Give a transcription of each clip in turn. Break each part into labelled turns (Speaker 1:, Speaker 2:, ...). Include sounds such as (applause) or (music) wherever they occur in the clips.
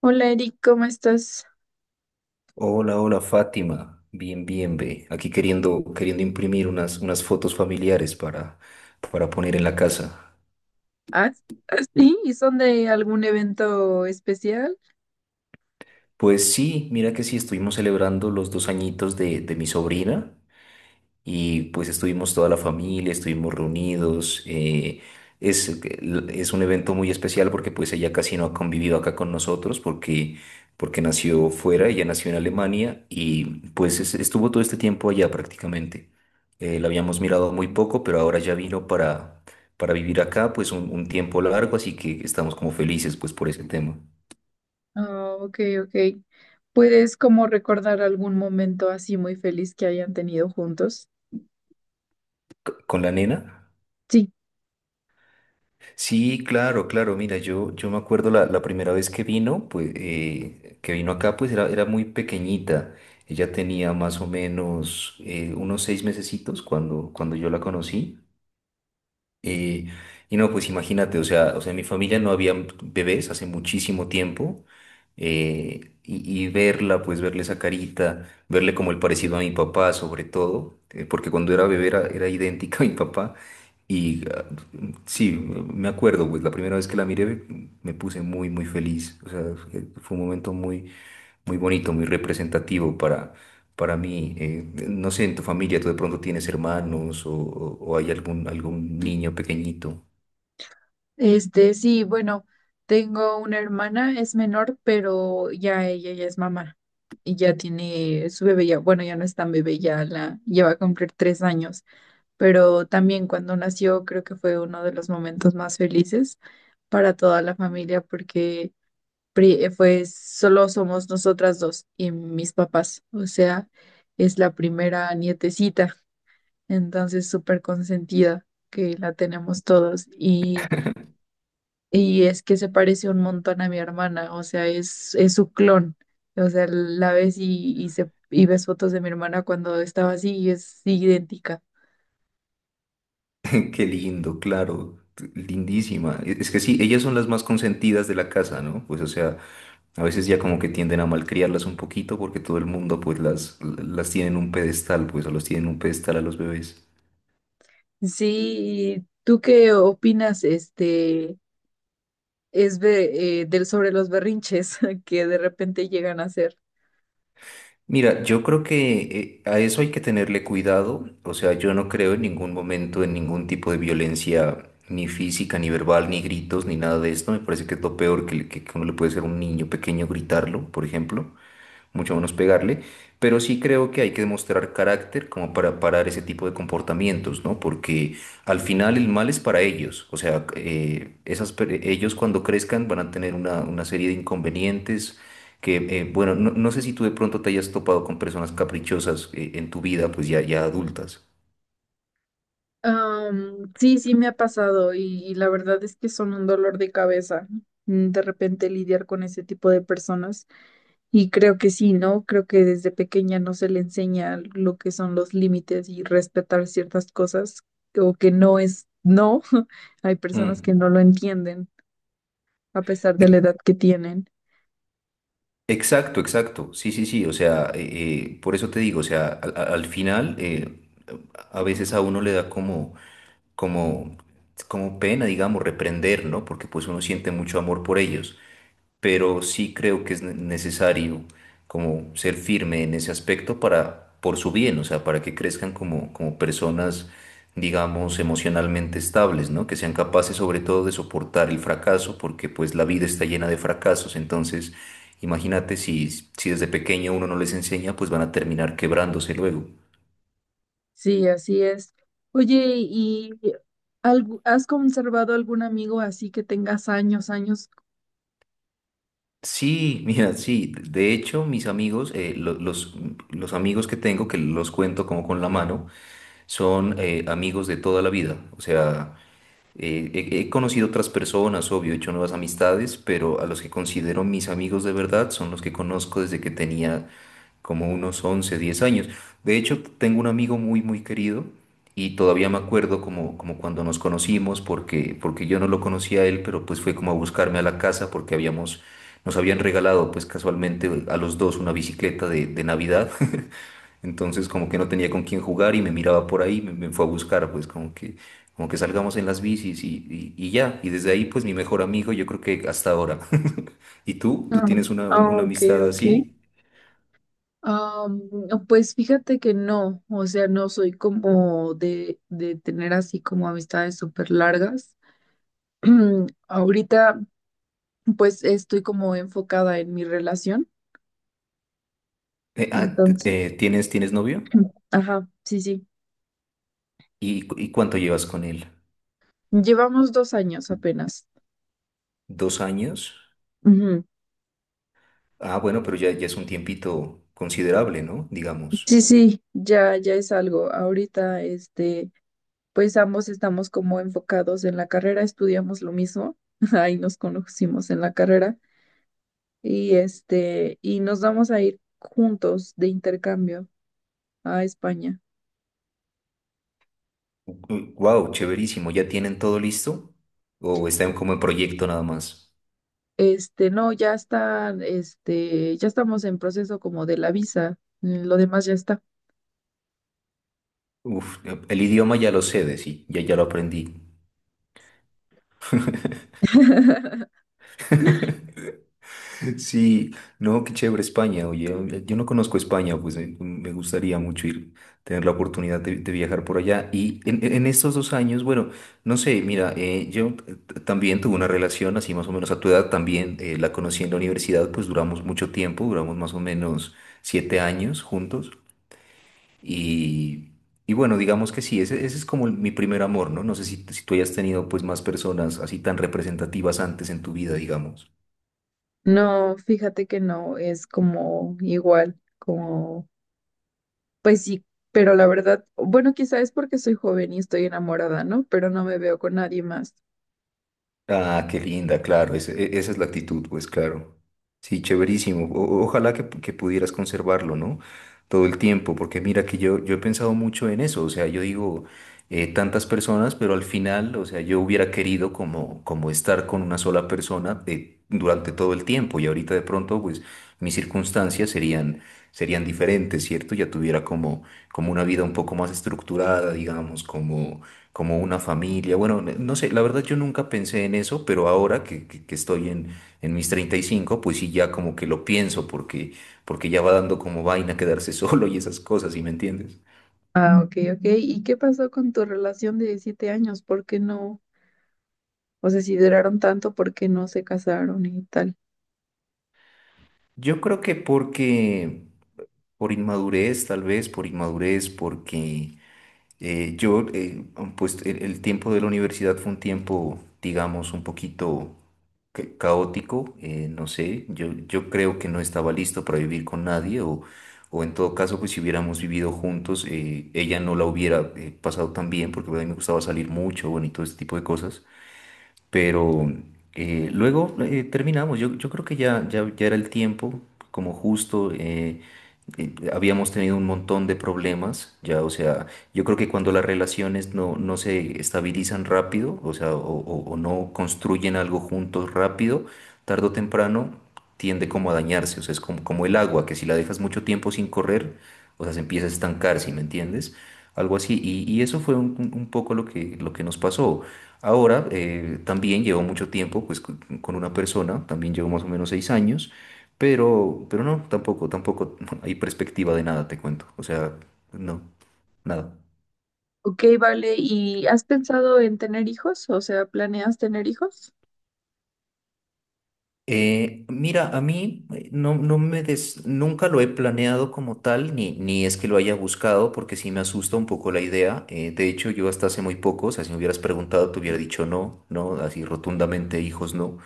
Speaker 1: Hola Eric, ¿cómo estás?
Speaker 2: Hola, hola Fátima. Bien, bien, ve. Aquí queriendo imprimir unas fotos familiares para poner en la casa.
Speaker 1: Ah, ah, sí, ¿y son de algún evento especial?
Speaker 2: Pues sí, mira que sí, estuvimos celebrando los 2 añitos de mi sobrina. Y pues estuvimos toda la familia, estuvimos reunidos. Es, es un evento muy especial porque pues ella casi no ha convivido acá con nosotros porque nació fuera, ella nació en Alemania y pues estuvo todo este tiempo allá prácticamente. La habíamos mirado muy poco, pero ahora ya vino para vivir acá pues un tiempo largo, así que estamos como felices pues por ese tema.
Speaker 1: Ah, ok, ok. ¿Puedes como recordar algún momento así muy feliz que hayan tenido juntos?
Speaker 2: ¿Con la nena?
Speaker 1: Sí,
Speaker 2: Sí, claro, claro. Mira, yo me acuerdo la primera vez que vino, pues, que vino acá, pues era muy pequeñita. Ella tenía más o menos unos 6 mesecitos cuando yo la conocí. Y, y no, pues imagínate, o sea, en mi familia no había bebés hace muchísimo tiempo. Y verla, pues verle esa carita, verle como el parecido a mi papá, sobre todo, porque cuando era bebé era idéntica a mi papá. Y sí, me acuerdo, pues la primera vez que la miré me puse muy, muy feliz. O sea, fue un momento muy, muy bonito, muy representativo para mí. No sé, en tu familia, tú de pronto tienes hermanos o hay algún niño pequeñito.
Speaker 1: sí, bueno, tengo una hermana, es menor, pero ya ella ya es mamá y ya tiene su bebé, ya, bueno, ya no es tan bebé, ya la lleva a cumplir 3 años, pero también cuando nació creo que fue uno de los momentos más felices para toda la familia porque pues solo somos nosotras dos y mis papás, o sea, es la primera nietecita, entonces súper consentida que la tenemos todos y es que se parece un montón a mi hermana, o sea, es su clon, o sea, la ves y ves fotos de mi hermana cuando estaba así y es idéntica.
Speaker 2: (laughs) Qué lindo, claro, lindísima. Es que sí, ellas son las más consentidas de la casa, ¿no? Pues o sea, a veces ya como que tienden a malcriarlas un poquito porque todo el mundo pues las tiene en un pedestal, pues o los tiene en un pedestal a los bebés.
Speaker 1: Sí, ¿y tú qué opinas, es de, del sobre los berrinches (laughs) que de repente llegan a hacer?
Speaker 2: Mira, yo creo que a eso hay que tenerle cuidado. O sea, yo no creo en ningún momento en ningún tipo de violencia, ni física, ni verbal, ni gritos, ni nada de esto. Me parece que es lo peor que uno le puede hacer a un niño pequeño gritarlo, por ejemplo, mucho menos pegarle, pero sí creo que hay que demostrar carácter como para parar ese tipo de comportamientos, ¿no? Porque al final el mal es para ellos, o sea, ellos cuando crezcan van a tener una serie de inconvenientes que, bueno, no sé si tú de pronto te hayas topado con personas caprichosas, en tu vida, pues ya adultas.
Speaker 1: Sí, sí me ha pasado y la verdad es que son un dolor de cabeza, de repente lidiar con ese tipo de personas, y creo que sí, ¿no? Creo que desde pequeña no se le enseña lo que son los límites y respetar ciertas cosas, o que no es no. (laughs) Hay personas que
Speaker 2: Mm.
Speaker 1: no lo entienden a pesar de la
Speaker 2: E-
Speaker 1: edad que tienen.
Speaker 2: Exacto, exacto. Sí, sí, sí. O sea, por eso te digo, o sea, al final, a veces a uno le da como, como pena, digamos, reprender, ¿no? Porque pues uno siente mucho amor por ellos, pero sí creo que es necesario como ser firme en ese aspecto para, por su bien, o sea, para que crezcan como personas, digamos, emocionalmente estables, ¿no? Que sean capaces sobre todo de soportar el fracaso, porque pues la vida está llena de fracasos, entonces. Imagínate si desde pequeño uno no les enseña, pues van a terminar quebrándose luego.
Speaker 1: Sí, así es. Oye, ¿y has conservado algún amigo así que tengas años, años?
Speaker 2: Sí, mira, sí. De hecho, mis amigos, los amigos que tengo, que los cuento como con la mano, son amigos de toda la vida. O sea, he conocido otras personas, obvio, he hecho nuevas amistades, pero a los que considero mis amigos de verdad son los que conozco desde que tenía como unos 11, 10 años. De hecho, tengo un amigo muy, muy querido y todavía me acuerdo como cuando nos conocimos, porque yo no lo conocía a él, pero pues fue como a buscarme a la casa porque nos habían regalado pues casualmente a los dos una bicicleta de Navidad, entonces como que no tenía con quién jugar y me miraba por ahí, me fue a buscar, pues como que salgamos en las bicis y ya. Y desde ahí pues mi mejor amigo, yo creo, que hasta ahora. (laughs) ¿Y tú? ¿Tú
Speaker 1: Ah,
Speaker 2: tienes una, un-
Speaker 1: ah,
Speaker 2: una
Speaker 1: ok,
Speaker 2: amistad
Speaker 1: ok.
Speaker 2: así?
Speaker 1: No, pues fíjate que no, o sea, no soy como de, tener así como amistades súper largas. (clears throat) Ahorita, pues estoy como enfocada en mi relación,
Speaker 2: Eh, ah, t-
Speaker 1: entonces,
Speaker 2: tienes novio?
Speaker 1: (clears throat) ajá, sí, sí.
Speaker 2: ¿Y cuánto llevas con él?
Speaker 1: Llevamos 2 años apenas.
Speaker 2: ¿2 años?
Speaker 1: Ujú.
Speaker 2: Ah, bueno, pero ya es un tiempito considerable, ¿no? Digamos.
Speaker 1: Sí, sí, ya, ya es algo. Ahorita, pues ambos estamos como enfocados en la carrera, estudiamos lo mismo, (laughs) ahí nos conocimos en la carrera. Y y nos vamos a ir juntos de intercambio a España.
Speaker 2: Wow, chéverísimo. ¿Ya tienen todo listo? ¿O están como en proyecto nada más?
Speaker 1: No, ya está, ya estamos en proceso como de la visa, lo demás ya está.
Speaker 2: Uf, el idioma ya lo sé, de sí, ya lo aprendí. (laughs)
Speaker 1: (laughs)
Speaker 2: Sí, no, qué chévere España, oye, yo no conozco España, pues me gustaría mucho ir, tener la oportunidad de viajar por allá. Y en estos 2 años, bueno, no sé, mira, yo también tuve una relación así más o menos a tu edad, también la conocí en la universidad, pues duramos mucho tiempo, duramos más o menos 7 años juntos. Y, y bueno, digamos que sí, ese es como mi primer amor, ¿no? No sé si tú hayas tenido pues más personas así tan representativas antes en tu vida, digamos.
Speaker 1: No, fíjate que no, es como igual, como, pues sí, pero la verdad, bueno, quizá es porque soy joven y estoy enamorada, ¿no? Pero no me veo con nadie más.
Speaker 2: Ah, qué linda, claro, esa es la actitud, pues claro. Sí, chéverísimo. Ojalá que pudieras conservarlo, ¿no? Todo el tiempo, porque mira que yo he pensado mucho en eso, o sea, yo digo, tantas personas, pero al final, o sea, yo hubiera querido como estar con una sola persona, durante todo el tiempo, y ahorita de pronto, pues mis circunstancias serían diferentes, ¿cierto? Ya tuviera como una vida un poco más estructurada, digamos, como una familia. Bueno, no sé, la verdad yo nunca pensé en eso, pero ahora que estoy en mis 35, pues sí, ya como que lo pienso porque, ya va dando como vaina quedarse (laughs) solo y esas cosas, ¿sí me entiendes?
Speaker 1: Ah, ok, ok. ¿Y qué pasó con tu relación de 7 años? ¿Por qué no? O sea, si duraron tanto, ¿por qué no se casaron y tal?
Speaker 2: Yo creo que por inmadurez, tal vez, por inmadurez, Eh, yo, eh, pues el tiempo de la universidad fue un tiempo, digamos, un poquito caótico, no sé, yo creo que no estaba listo para vivir con nadie o en todo caso, pues si hubiéramos vivido juntos, ella no la hubiera pasado tan bien porque pues, a mí me gustaba salir mucho, bueno, y todo ese tipo de cosas. Pero luego terminamos. Yo creo que ya era el tiempo, como justo, habíamos tenido un montón de problemas. Ya, o sea, yo creo que cuando las relaciones no se estabilizan rápido, o sea, o no construyen algo juntos rápido, tarde o temprano tiende como a dañarse. O sea, es como el agua, que si la dejas mucho tiempo sin correr, o sea, se empieza a estancar, ¿sí me entiendes? Algo así. Y eso fue un poco lo que nos pasó. Ahora, también llevo mucho tiempo pues, con una persona, también llevo más o menos 6 años, pero no, tampoco (laughs) hay perspectiva de nada, te cuento. O sea, no, nada.
Speaker 1: Ok, vale. ¿Y has pensado en tener hijos? O sea, ¿planeas tener hijos?
Speaker 2: Mira, a mí, no nunca lo he planeado como tal, ni es que lo haya buscado, porque sí me asusta un poco la idea. De hecho, yo hasta hace muy poco, o sea, si me hubieras preguntado, te hubiera dicho no, no, así rotundamente, hijos no.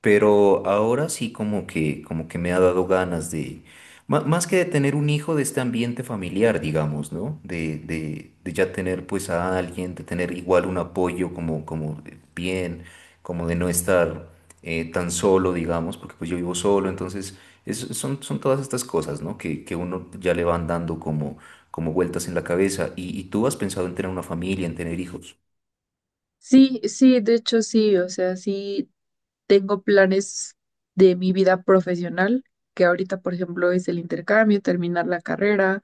Speaker 2: Pero ahora sí como que, me ha dado ganas de, más que de tener un hijo, de este ambiente familiar, digamos, ¿no? De ya tener pues a alguien, de tener igual un apoyo como de bien, como de no estar tan solo, digamos, porque pues yo vivo solo, entonces son todas estas cosas, ¿no? Que uno ya le van dando como vueltas en la cabeza. ¿Y tú has pensado en tener una familia, en tener hijos?
Speaker 1: Sí, sí, de hecho sí. O sea, sí tengo planes de mi vida profesional, que ahorita, por ejemplo, es el intercambio, terminar la carrera,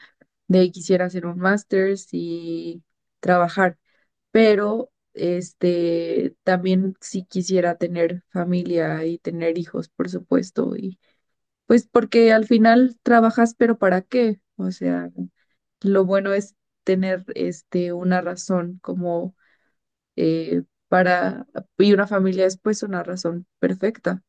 Speaker 1: de ahí quisiera hacer un máster y trabajar. Pero, también sí quisiera tener familia y tener hijos, por supuesto. Y pues porque al final trabajas, pero ¿para qué? O sea... Lo bueno es tener una razón como eh, para, y una familia es pues una razón perfecta.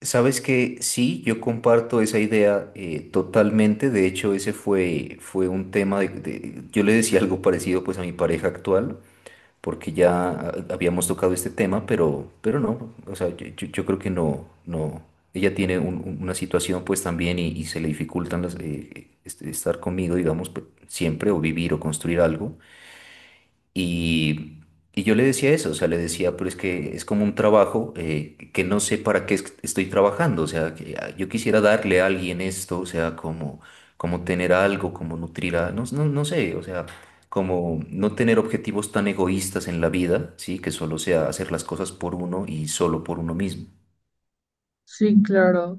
Speaker 2: Sabes que sí, yo comparto esa idea, totalmente. De hecho, ese fue un tema yo le decía algo parecido pues a mi pareja actual, porque ya habíamos tocado este tema, pero no, o sea, yo creo que no, no. Ella tiene una situación pues también y se le dificultan estar conmigo, digamos, siempre, o vivir o construir algo. Y, y yo le decía eso, o sea, le decía, pero es que es como un trabajo, que no sé para qué estoy trabajando, o sea, que yo quisiera darle a alguien esto, o sea, como, tener algo, como nutrir a, no sé, o sea, como no tener objetivos tan egoístas en la vida, ¿sí? Que solo sea hacer las cosas por uno y solo por uno mismo.
Speaker 1: Sí, claro.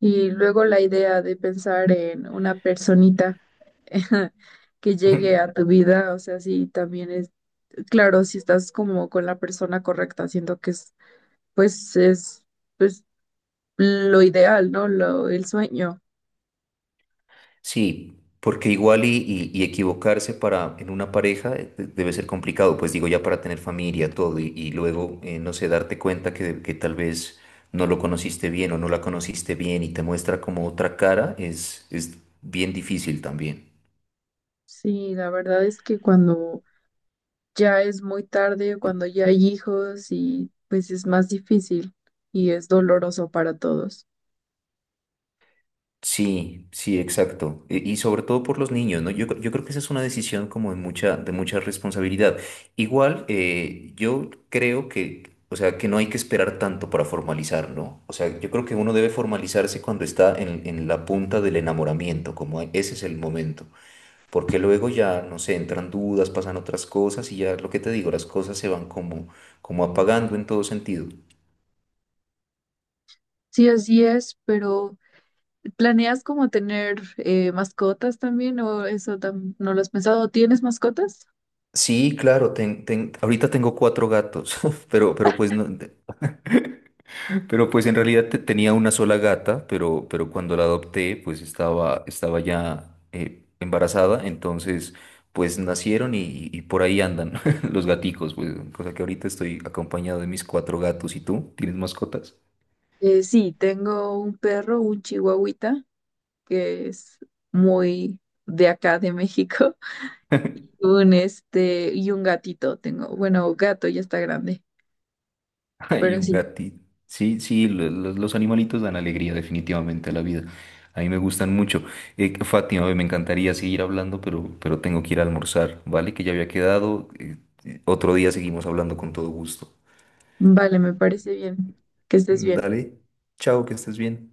Speaker 1: Y luego la idea de pensar en una personita (laughs) que llegue a
Speaker 2: (laughs)
Speaker 1: tu vida, o sea, sí, también es, claro, si estás como con la persona correcta, siento que es, pues lo ideal, ¿no? Lo, el sueño.
Speaker 2: Sí, porque igual, y equivocarse para en una pareja, debe ser complicado, pues digo ya para tener familia, todo, y luego, no sé, darte cuenta que, tal vez no lo conociste bien o no la conociste bien y te muestra como otra cara, es bien difícil también.
Speaker 1: Sí, la verdad es que cuando ya es muy tarde cuando ya hay hijos y pues es más difícil y es doloroso para todos.
Speaker 2: Sí, sí, exacto. Y sobre todo por los niños, ¿no? Yo creo que esa es una decisión como de mucha responsabilidad. Igual, yo creo que, o sea, que no hay que esperar tanto para formalizar, ¿no? O sea, yo creo que uno debe formalizarse cuando está en la punta del enamoramiento, como ese es el momento. Porque luego ya, no sé, entran dudas, pasan otras cosas, y ya lo que te digo, las cosas se van como apagando en todo sentido.
Speaker 1: Sí, así es, pero ¿planeas como tener mascotas también o eso no lo has pensado? ¿Tienes mascotas?
Speaker 2: Sí, claro, ahorita tengo cuatro gatos, (laughs) pero pues no. Pero pues en realidad tenía una sola gata, pero cuando la adopté pues estaba, ya embarazada, entonces pues nacieron y por ahí andan (laughs) los gaticos, pues cosa que ahorita estoy acompañado de mis cuatro gatos. ¿Y tú? ¿Tienes mascotas? (laughs)
Speaker 1: Sí, tengo un perro, un chihuahuita, que es muy de acá de México, (laughs) un y un gatito tengo. Bueno, gato ya está grande,
Speaker 2: Hay
Speaker 1: pero
Speaker 2: un
Speaker 1: sí,
Speaker 2: gatito. Sí, sí, los animalitos dan alegría definitivamente a la vida. A mí me gustan mucho. Fátima, me encantaría seguir hablando, pero tengo que ir a almorzar, ¿vale? Que ya había quedado. Otro día seguimos hablando con todo gusto.
Speaker 1: vale, me parece bien. Que estés bien.
Speaker 2: Dale, chao, que estés bien.